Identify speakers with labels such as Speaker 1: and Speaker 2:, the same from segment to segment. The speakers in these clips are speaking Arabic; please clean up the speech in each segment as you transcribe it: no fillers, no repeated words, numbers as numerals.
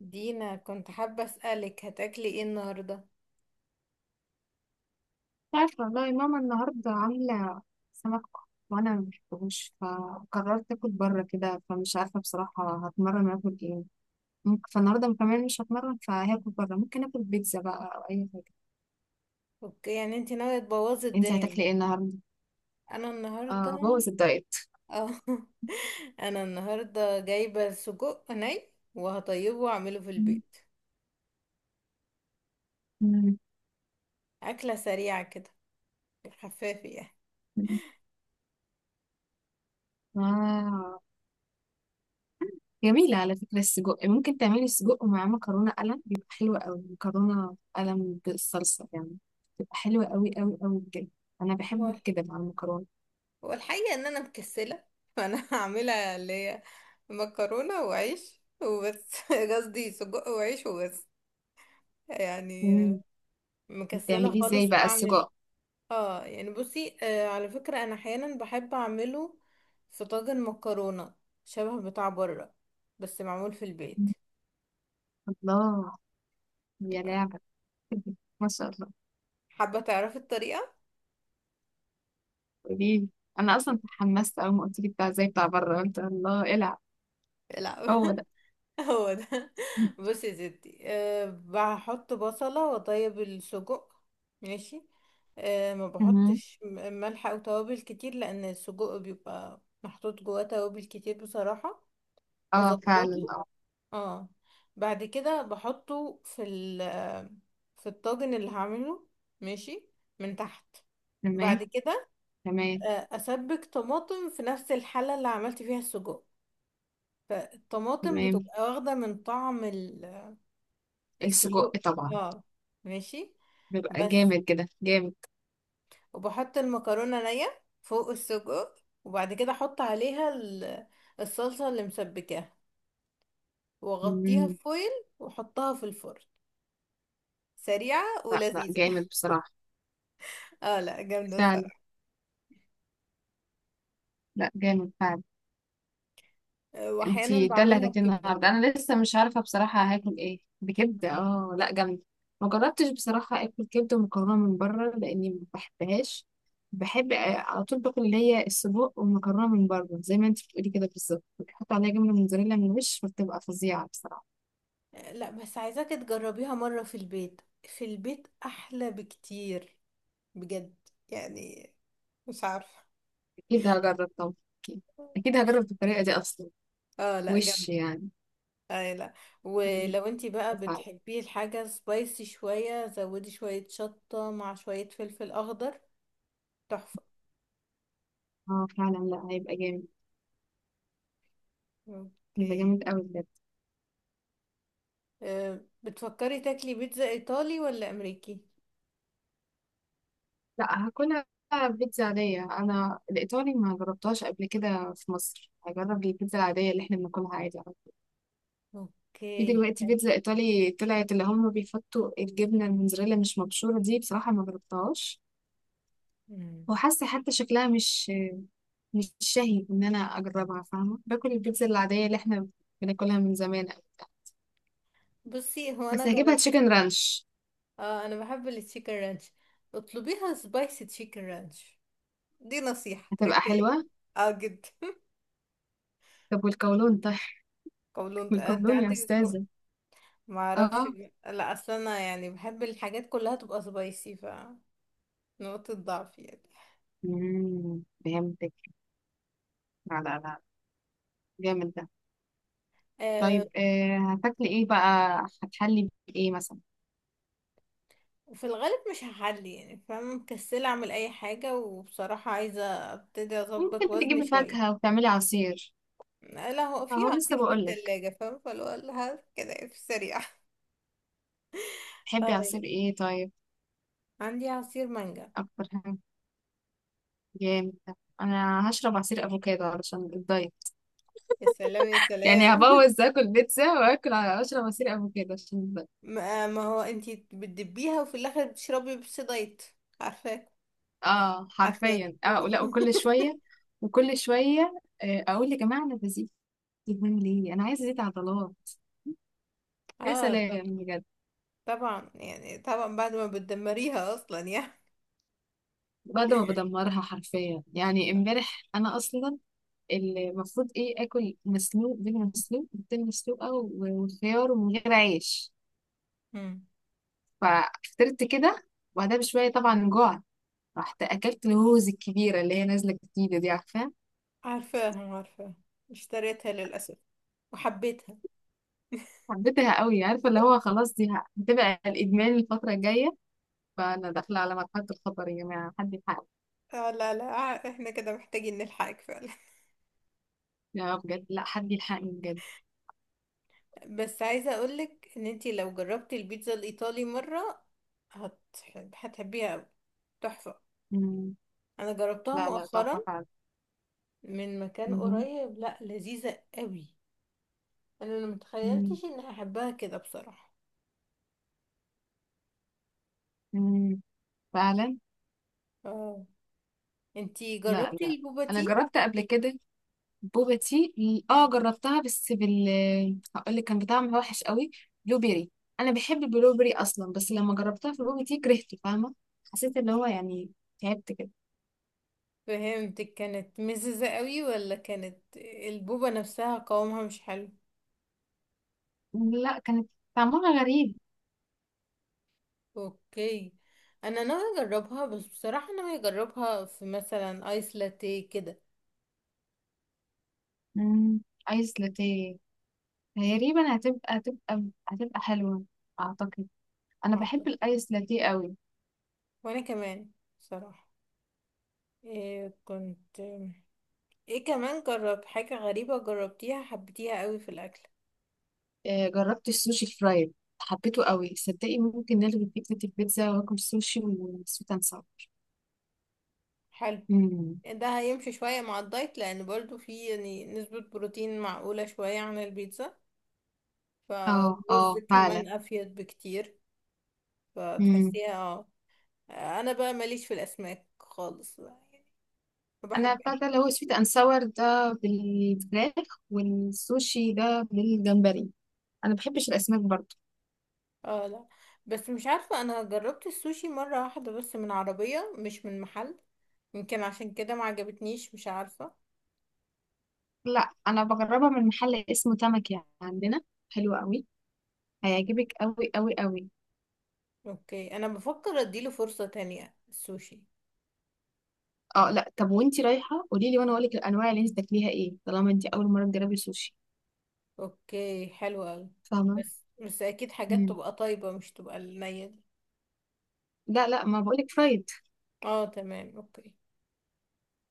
Speaker 1: دينا، كنت حابة أسألك هتاكلي ايه النهاردة؟
Speaker 2: عارفة والله ماما النهاردة عاملة سمك، وأنا مبحبوش فقررت أكل بره كده، فمش عارفة بصراحة هتمرن أكل إيه. ممكن فالنهاردة كمان مش هتمرن فهاكل بره، ممكن أكل بيتزا بقى أو أي حاجة.
Speaker 1: اوكي، يعني انتي ناوية تبوظي
Speaker 2: أنتي
Speaker 1: الدنيا
Speaker 2: هتاكلي إيه
Speaker 1: النهاردة؟
Speaker 2: النهاردة؟
Speaker 1: انا
Speaker 2: آه،
Speaker 1: النهاردة
Speaker 2: بوظ الدايت.
Speaker 1: اه. انا النهاردة جايبة سجق ني وهطيبه واعمله في البيت.
Speaker 2: مم.
Speaker 1: أكلة سريعة كده، خفافة يعني.
Speaker 2: مم. آه، جميلة على فكرة. السجق ممكن تعملي سجق مع مكرونة قلم، بيبقى حلو أوي، مكرونة قلم بالصلصة يعني، بتبقى حلوة أوي أوي أوي بجد. أنا
Speaker 1: هو،
Speaker 2: بحب كده مع المكرونة.
Speaker 1: هو الحقيقة ان انا مكسلة. فانا هعملها، اللي هي مكرونة وعيش وبس. قصدي سجق وعيش وبس، يعني. مكسلة
Speaker 2: بتعمليه ازاي
Speaker 1: خالص
Speaker 2: بقى
Speaker 1: اعمل.
Speaker 2: السجق؟
Speaker 1: اه، يعني بصي، على فكرة انا احيانا بحب اعمله في طاجن مكرونة، شبه بتاع بره، بس معمول في البيت.
Speaker 2: الله، يا لعبة. ما شاء الله.
Speaker 1: حابة تعرفي الطريقة؟
Speaker 2: قوليلي، انا اصلا تحمست اول ما قلت لي بتاع زي بتاع بره، قلت الله العب.
Speaker 1: لا.
Speaker 2: هو ده.
Speaker 1: هو ده. بصي يا ستي، بحط بصلة وطيب السجق. ماشي. أه، ما
Speaker 2: مهم.
Speaker 1: بحطش ملح أو توابل كتير، لأن السجق بيبقى محطوط جواه توابل كتير بصراحة.
Speaker 2: اه فعلا،
Speaker 1: بظبطه.
Speaker 2: اه.
Speaker 1: اه. بعد كده بحطه في الطاجن اللي هعمله. ماشي. من تحت.
Speaker 2: تمام.
Speaker 1: بعد كده،
Speaker 2: تمام.
Speaker 1: اسبك طماطم في نفس الحلة اللي عملت فيها السجق. فالطماطم
Speaker 2: تمام،
Speaker 1: بتبقى واخدة من طعم
Speaker 2: السجق
Speaker 1: السجق.
Speaker 2: طبعا.
Speaker 1: اه. ماشي.
Speaker 2: بيبقى
Speaker 1: بس.
Speaker 2: جامد كده، جامد.
Speaker 1: وبحط المكرونة نية فوق السجق، وبعد كده احط عليها الصلصة اللي مسبكاها، واغطيها
Speaker 2: مم.
Speaker 1: بفويل، واحطها في الفرن. سريعة
Speaker 2: لا لا،
Speaker 1: ولذيذة.
Speaker 2: جامد بصراحة.
Speaker 1: اه، لا، جامدة
Speaker 2: فعلا.
Speaker 1: الصراحة.
Speaker 2: لا، جامد فعلا.
Speaker 1: واحيانا
Speaker 2: انتي ده اللي
Speaker 1: بعملها
Speaker 2: هتاكليه
Speaker 1: بكبدة.
Speaker 2: النهارده؟ انا لسه مش عارفه بصراحه هاكل ايه. بكبده؟
Speaker 1: مم.
Speaker 2: اه لا، جامد. ما جربتش بصراحه اكل كبده ومكرونه من بره لاني ما بحبهاش. بحب آه، على طول باكل اللي هي السجق والمكرونه من بره، زي ما انتي بتقولي كده بالظبط، بتحط عليها جبنه موتزاريلا من الوش فبتبقى فظيعه بصراحه.
Speaker 1: لا، بس عايزاكي تجربيها مرة في البيت. في البيت احلى بكتير، بجد. يعني مش عارفة.
Speaker 2: اكيد هجرب طبعا، اكيد، اكيد هجرب الطريقه دي اصلا.
Speaker 1: اه لا، جامد.
Speaker 2: وش يعني.
Speaker 1: اه، لا، ولو انتي بقى بتحبي الحاجة سبايسي شوية، زودي شوية شطة مع شوية فلفل اخضر. تحفة.
Speaker 2: اه فعلا، لا هيبقى جامد، هيبقى
Speaker 1: اوكي.
Speaker 2: جامد قوي.
Speaker 1: آه، بتفكري تاكلي بيتزا ايطالي ولا امريكي؟
Speaker 2: لا، هاكلها بيتزا عادية. أنا الإيطالي ما جربتهاش قبل كده في مصر، هجرب البيتزا العادية اللي احنا بناكلها عادي على طول. في
Speaker 1: اوكي.
Speaker 2: دلوقتي
Speaker 1: أه.
Speaker 2: بيتزا إيطالي طلعت اللي هم بيحطوا الجبنة الموتزاريلا مش مبشورة، دي بصراحة ما جربتهاش،
Speaker 1: مم.
Speaker 2: وحاسة حتى شكلها مش شهي إن أنا أجربها، فاهمة، باكل البيتزا العادية اللي احنا بناكلها من زمان أوي.
Speaker 1: بصي، هو
Speaker 2: بس
Speaker 1: انا
Speaker 2: هجيبها
Speaker 1: جربت.
Speaker 2: تشيكن رانش،
Speaker 1: اه، انا بحب التشيكن رانش. اطلبيها سبايسي تشيكن رانش، دي نصيحة
Speaker 2: هتبقى حلوة.
Speaker 1: تركية. اه، جدا.
Speaker 2: طب والكولون طيب؟
Speaker 1: قولون؟ انت
Speaker 2: والكولون يا
Speaker 1: عندك الكو-.
Speaker 2: أستاذة.
Speaker 1: ما اعرفش
Speaker 2: اه.
Speaker 1: بقى. لا، اصل انا يعني بحب الحاجات كلها تبقى سبايسي، ف. نقطة ضعف يعني.
Speaker 2: مم، فهمتك. لا لا لا، جامد ده.
Speaker 1: آه.
Speaker 2: طيب آه، هتاكلي ايه بقى؟ هتحلي بايه مثلا؟
Speaker 1: وفي الغالب مش هحلي، يعني فاهمة، مكسلة اعمل اي حاجة. وبصراحة عايزة ابتدي اظبط
Speaker 2: ممكن
Speaker 1: وزني
Speaker 2: تجيبي
Speaker 1: شوية.
Speaker 2: فاكهة وتعملي عصير.
Speaker 1: لا، هو في
Speaker 2: اهو لسه
Speaker 1: عصير في
Speaker 2: بقولك،
Speaker 1: التلاجة، فاهمة، فلو قال كده في السريع.
Speaker 2: تحبي
Speaker 1: آه.
Speaker 2: عصير ايه طيب؟
Speaker 1: عندي عصير مانجا.
Speaker 2: اكتر حاجة، جامد ده. انا هشرب عصير افوكادو علشان الدايت،
Speaker 1: يا سلام، يا
Speaker 2: يعني
Speaker 1: سلام.
Speaker 2: هبوظ، اكل بيتزا واكل اشرب عصير افوكادو عشان الدايت.
Speaker 1: ما هو انتي بتدبيها وفي الاخر بتشربي بيبسي دايت. عارفاك،
Speaker 2: اه
Speaker 1: عارفاك.
Speaker 2: حرفيا، اه، لا وكل شوية وكل شوية. آه، اقول يا جماعة، انا بزيد دهون ليه؟ انا عايزة ازيد عضلات. يا
Speaker 1: اه، طب.
Speaker 2: سلام بجد.
Speaker 1: طبعا يعني، طبعا بعد ما بتدمريها اصلا يعني.
Speaker 2: بعد ما بدمرها حرفيا يعني، امبارح انا اصلا المفروض ايه اكل مسلوق، بيض مسلوق، بيضتين مسلوقه وخيار ومن غير عيش.
Speaker 1: مم.
Speaker 2: ففطرت كده، وبعدها بشويه طبعا جوع، رحت اكلت الهوز الكبيره اللي هي نازله جديده دي، عارفه.
Speaker 1: عارفاهم، عارفاهم. اشتريتها للاسف، وحبيتها.
Speaker 2: حبيتها قوي، عارفه اللي هو خلاص دي هتبقى الادمان الفتره الجايه، فانا داخله على مرحله الخطر يا جماعه، حد يلحقني.
Speaker 1: اه، لا لا. آه، احنا كده محتاجين نلحقك فعلا.
Speaker 2: لا بجد، لا حد يلحقني بجد.
Speaker 1: بس عايزه اقولك ان انتي لو جربتي البيتزا الايطالي مره هت... هتحبيها أوي. تحفه.
Speaker 2: مم.
Speaker 1: انا جربتها
Speaker 2: لا لا،
Speaker 1: مؤخرا
Speaker 2: تحفه فعلا.
Speaker 1: من مكان
Speaker 2: مهم.
Speaker 1: قريب. لا، لذيذه قوي. انا
Speaker 2: مم.
Speaker 1: متخيلتش اني هحبها كده بصراحة.
Speaker 2: مم. فعلا.
Speaker 1: اه، انتي
Speaker 2: لا
Speaker 1: جربتي
Speaker 2: لا،
Speaker 1: البوبا
Speaker 2: انا
Speaker 1: تي؟
Speaker 2: جربت قبل كده بوبا تي. اه
Speaker 1: مم.
Speaker 2: جربتها، بس هقول لك كان بطعم وحش قوي، بلو بيري. انا بحب البلو بيري اصلا، بس لما جربتها في البوبا تي كرهته، فاهمه، حسيت اللي هو يعني تعبت كده.
Speaker 1: فهمتك، كانت مززة قوي ولا كانت البوبا نفسها قوامها مش حلو؟
Speaker 2: لا، كانت طعمها غريب.
Speaker 1: اوكي. انا ناوية اجربها، بس بصراحة ناوية اجربها في مثلا ايس لاتيه كده.
Speaker 2: مم، ايس لاتيه. تقريبا هتبقى حلوه اعتقد. انا بحب
Speaker 1: اعتقد.
Speaker 2: الايس لاتيه قوي.
Speaker 1: وانا كمان، بصراحة. إيه كنت ايه كمان، جرب حاجة غريبة جربتيها حبيتيها قوي في الاكل؟
Speaker 2: آه، جربت السوشي فرايد، حبيته قوي صدقي، ممكن نلغي فكره البيتزا واكل سوشي وسويت اند ساور.
Speaker 1: حلو.
Speaker 2: مم.
Speaker 1: ده هيمشي شوية مع الدايت، لأن برضو فيه يعني نسبة بروتين معقولة شوية عن البيتزا.
Speaker 2: اه
Speaker 1: فالرز
Speaker 2: اه فعلا.
Speaker 1: كمان أفيد بكتير.
Speaker 2: مم.
Speaker 1: فتحسيها. اه، أنا بقى ماليش في الأسماك خالص بقى يعني، ما
Speaker 2: انا بتاع
Speaker 1: بحبها.
Speaker 2: ده اللي هو سويت اند ساور ده بالفراخ، والسوشي ده بالجمبري، انا بحبش الاسماك برضو.
Speaker 1: اه لا، بس مش عارفة، أنا جربت السوشي مرة واحدة بس من عربية مش من محل. يمكن عشان كده ما عجبتنيش، مش عارفة.
Speaker 2: لا انا بجربها من محل اسمه تمكي عندنا، حلو قوي، هيعجبك قوي قوي قوي.
Speaker 1: اوكي، أنا بفكر أديله فرصة تانية، السوشي.
Speaker 2: اه لا، طب وانتي رايحه قولي لي وانا اقول لك الانواع اللي انت تاكليها ايه، طالما انتي اول مره تجربي سوشي،
Speaker 1: اوكي، حلو أوي.
Speaker 2: فاهمه.
Speaker 1: بس اكيد حاجات
Speaker 2: مم.
Speaker 1: تبقى طيبة، مش تبقى النية دي.
Speaker 2: لا لا، ما بقولك فرايد.
Speaker 1: اه، تمام، اوكي.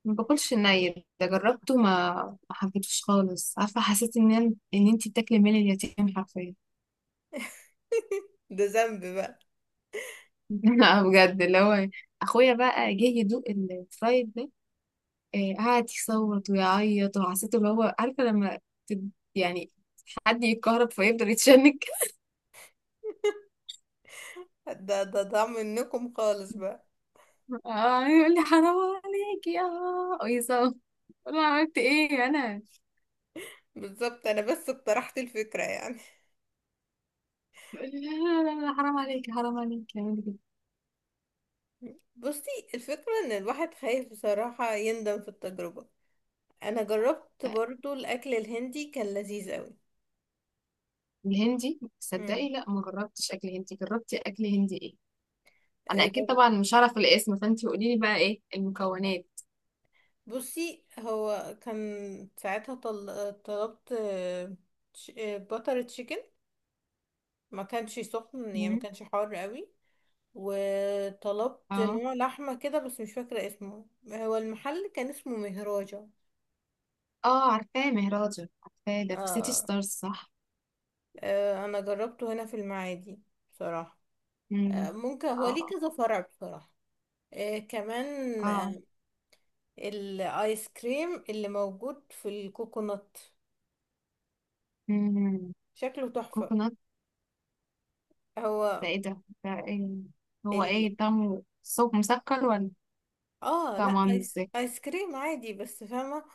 Speaker 2: ما باكلش الني، ده جربته ما حبيتوش خالص، عارفه، حسيت ان انتي بتاكلي مال اليتيم حرفيا.
Speaker 1: ده ذنب بقى.
Speaker 2: لا بجد اللي هو اخويا بقى جه يدوق الفرايد ده، آه، قعد يصوت ويعيط، وحسيت اللي هو عارفه لما يعني حد يتكهرب فيفضل يتشنج.
Speaker 1: ده منكم خالص بقى.
Speaker 2: اه، يقول لي حرام عليك يا آه، ويصوت. اقول له عملت ايه انا؟
Speaker 1: بالظبط، انا بس اقترحت الفكرة يعني.
Speaker 2: يقول لي لا لا لا لا، حرام عليك، حرام عليك يعمل كده.
Speaker 1: بصي، الفكرة ان الواحد خايف بصراحة يندم في التجربة. انا جربت
Speaker 2: آه،
Speaker 1: برضو الاكل الهندي، كان لذيذ قوي.
Speaker 2: الهندي
Speaker 1: امم
Speaker 2: صدقي لا، ما جربتش اكل هندي. جربتي اكل هندي ايه؟ انا
Speaker 1: آه،
Speaker 2: اكيد
Speaker 1: جر-
Speaker 2: طبعا مش هعرف الاسم، فانت قولي لي بقى ايه المكونات.
Speaker 1: بصي، هو كان ساعتها طل... آه، طلبت باتر تشيكن. ما كانش سخن يعني، ما
Speaker 2: مم.
Speaker 1: كانش حار قوي. وطلبت
Speaker 2: اه
Speaker 1: نوع لحمة كده، بس مش فاكرة اسمه. هو المحل كان اسمه مهراجة.
Speaker 2: اه، عارفاه مهراجة عارفاه، ده في سيتي
Speaker 1: آه.
Speaker 2: ستارز صح؟
Speaker 1: آه، أنا جربته هنا في المعادي بصراحة. آه،
Speaker 2: مم.
Speaker 1: ممكن هو ليه
Speaker 2: اه.
Speaker 1: كذا فرع بصراحة. آه، كمان
Speaker 2: اه.
Speaker 1: الآيس كريم اللي موجود في الكوكونات
Speaker 2: مم.
Speaker 1: شكله تحفة.
Speaker 2: كوكونات؟
Speaker 1: هو
Speaker 2: ده ايه ده ايه هو؟
Speaker 1: ال...
Speaker 2: ايه طعمه؟ صوب مسكر ولا
Speaker 1: اه،
Speaker 2: طعمه
Speaker 1: لا،
Speaker 2: عامل ازاي؟
Speaker 1: آيس كريم عادي، بس فاهمة.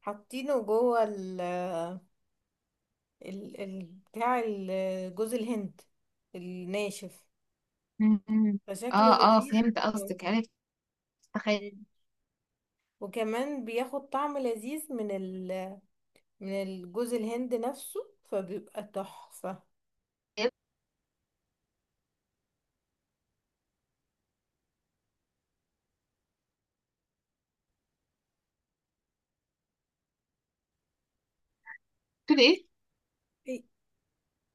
Speaker 1: حاطينه جوه ال... آه، ال... ال... بتاع ال- جوز الهند الناشف.
Speaker 2: مم.
Speaker 1: فشكله
Speaker 2: اه اه
Speaker 1: لذيذ.
Speaker 2: فهمت
Speaker 1: آه.
Speaker 2: قصدك، عرفت. تخيل.
Speaker 1: مم. وكمان بياخد طعم لذيذ من الجوز الهند نفسه. فبيبقى تحفة.
Speaker 2: تقول ايه.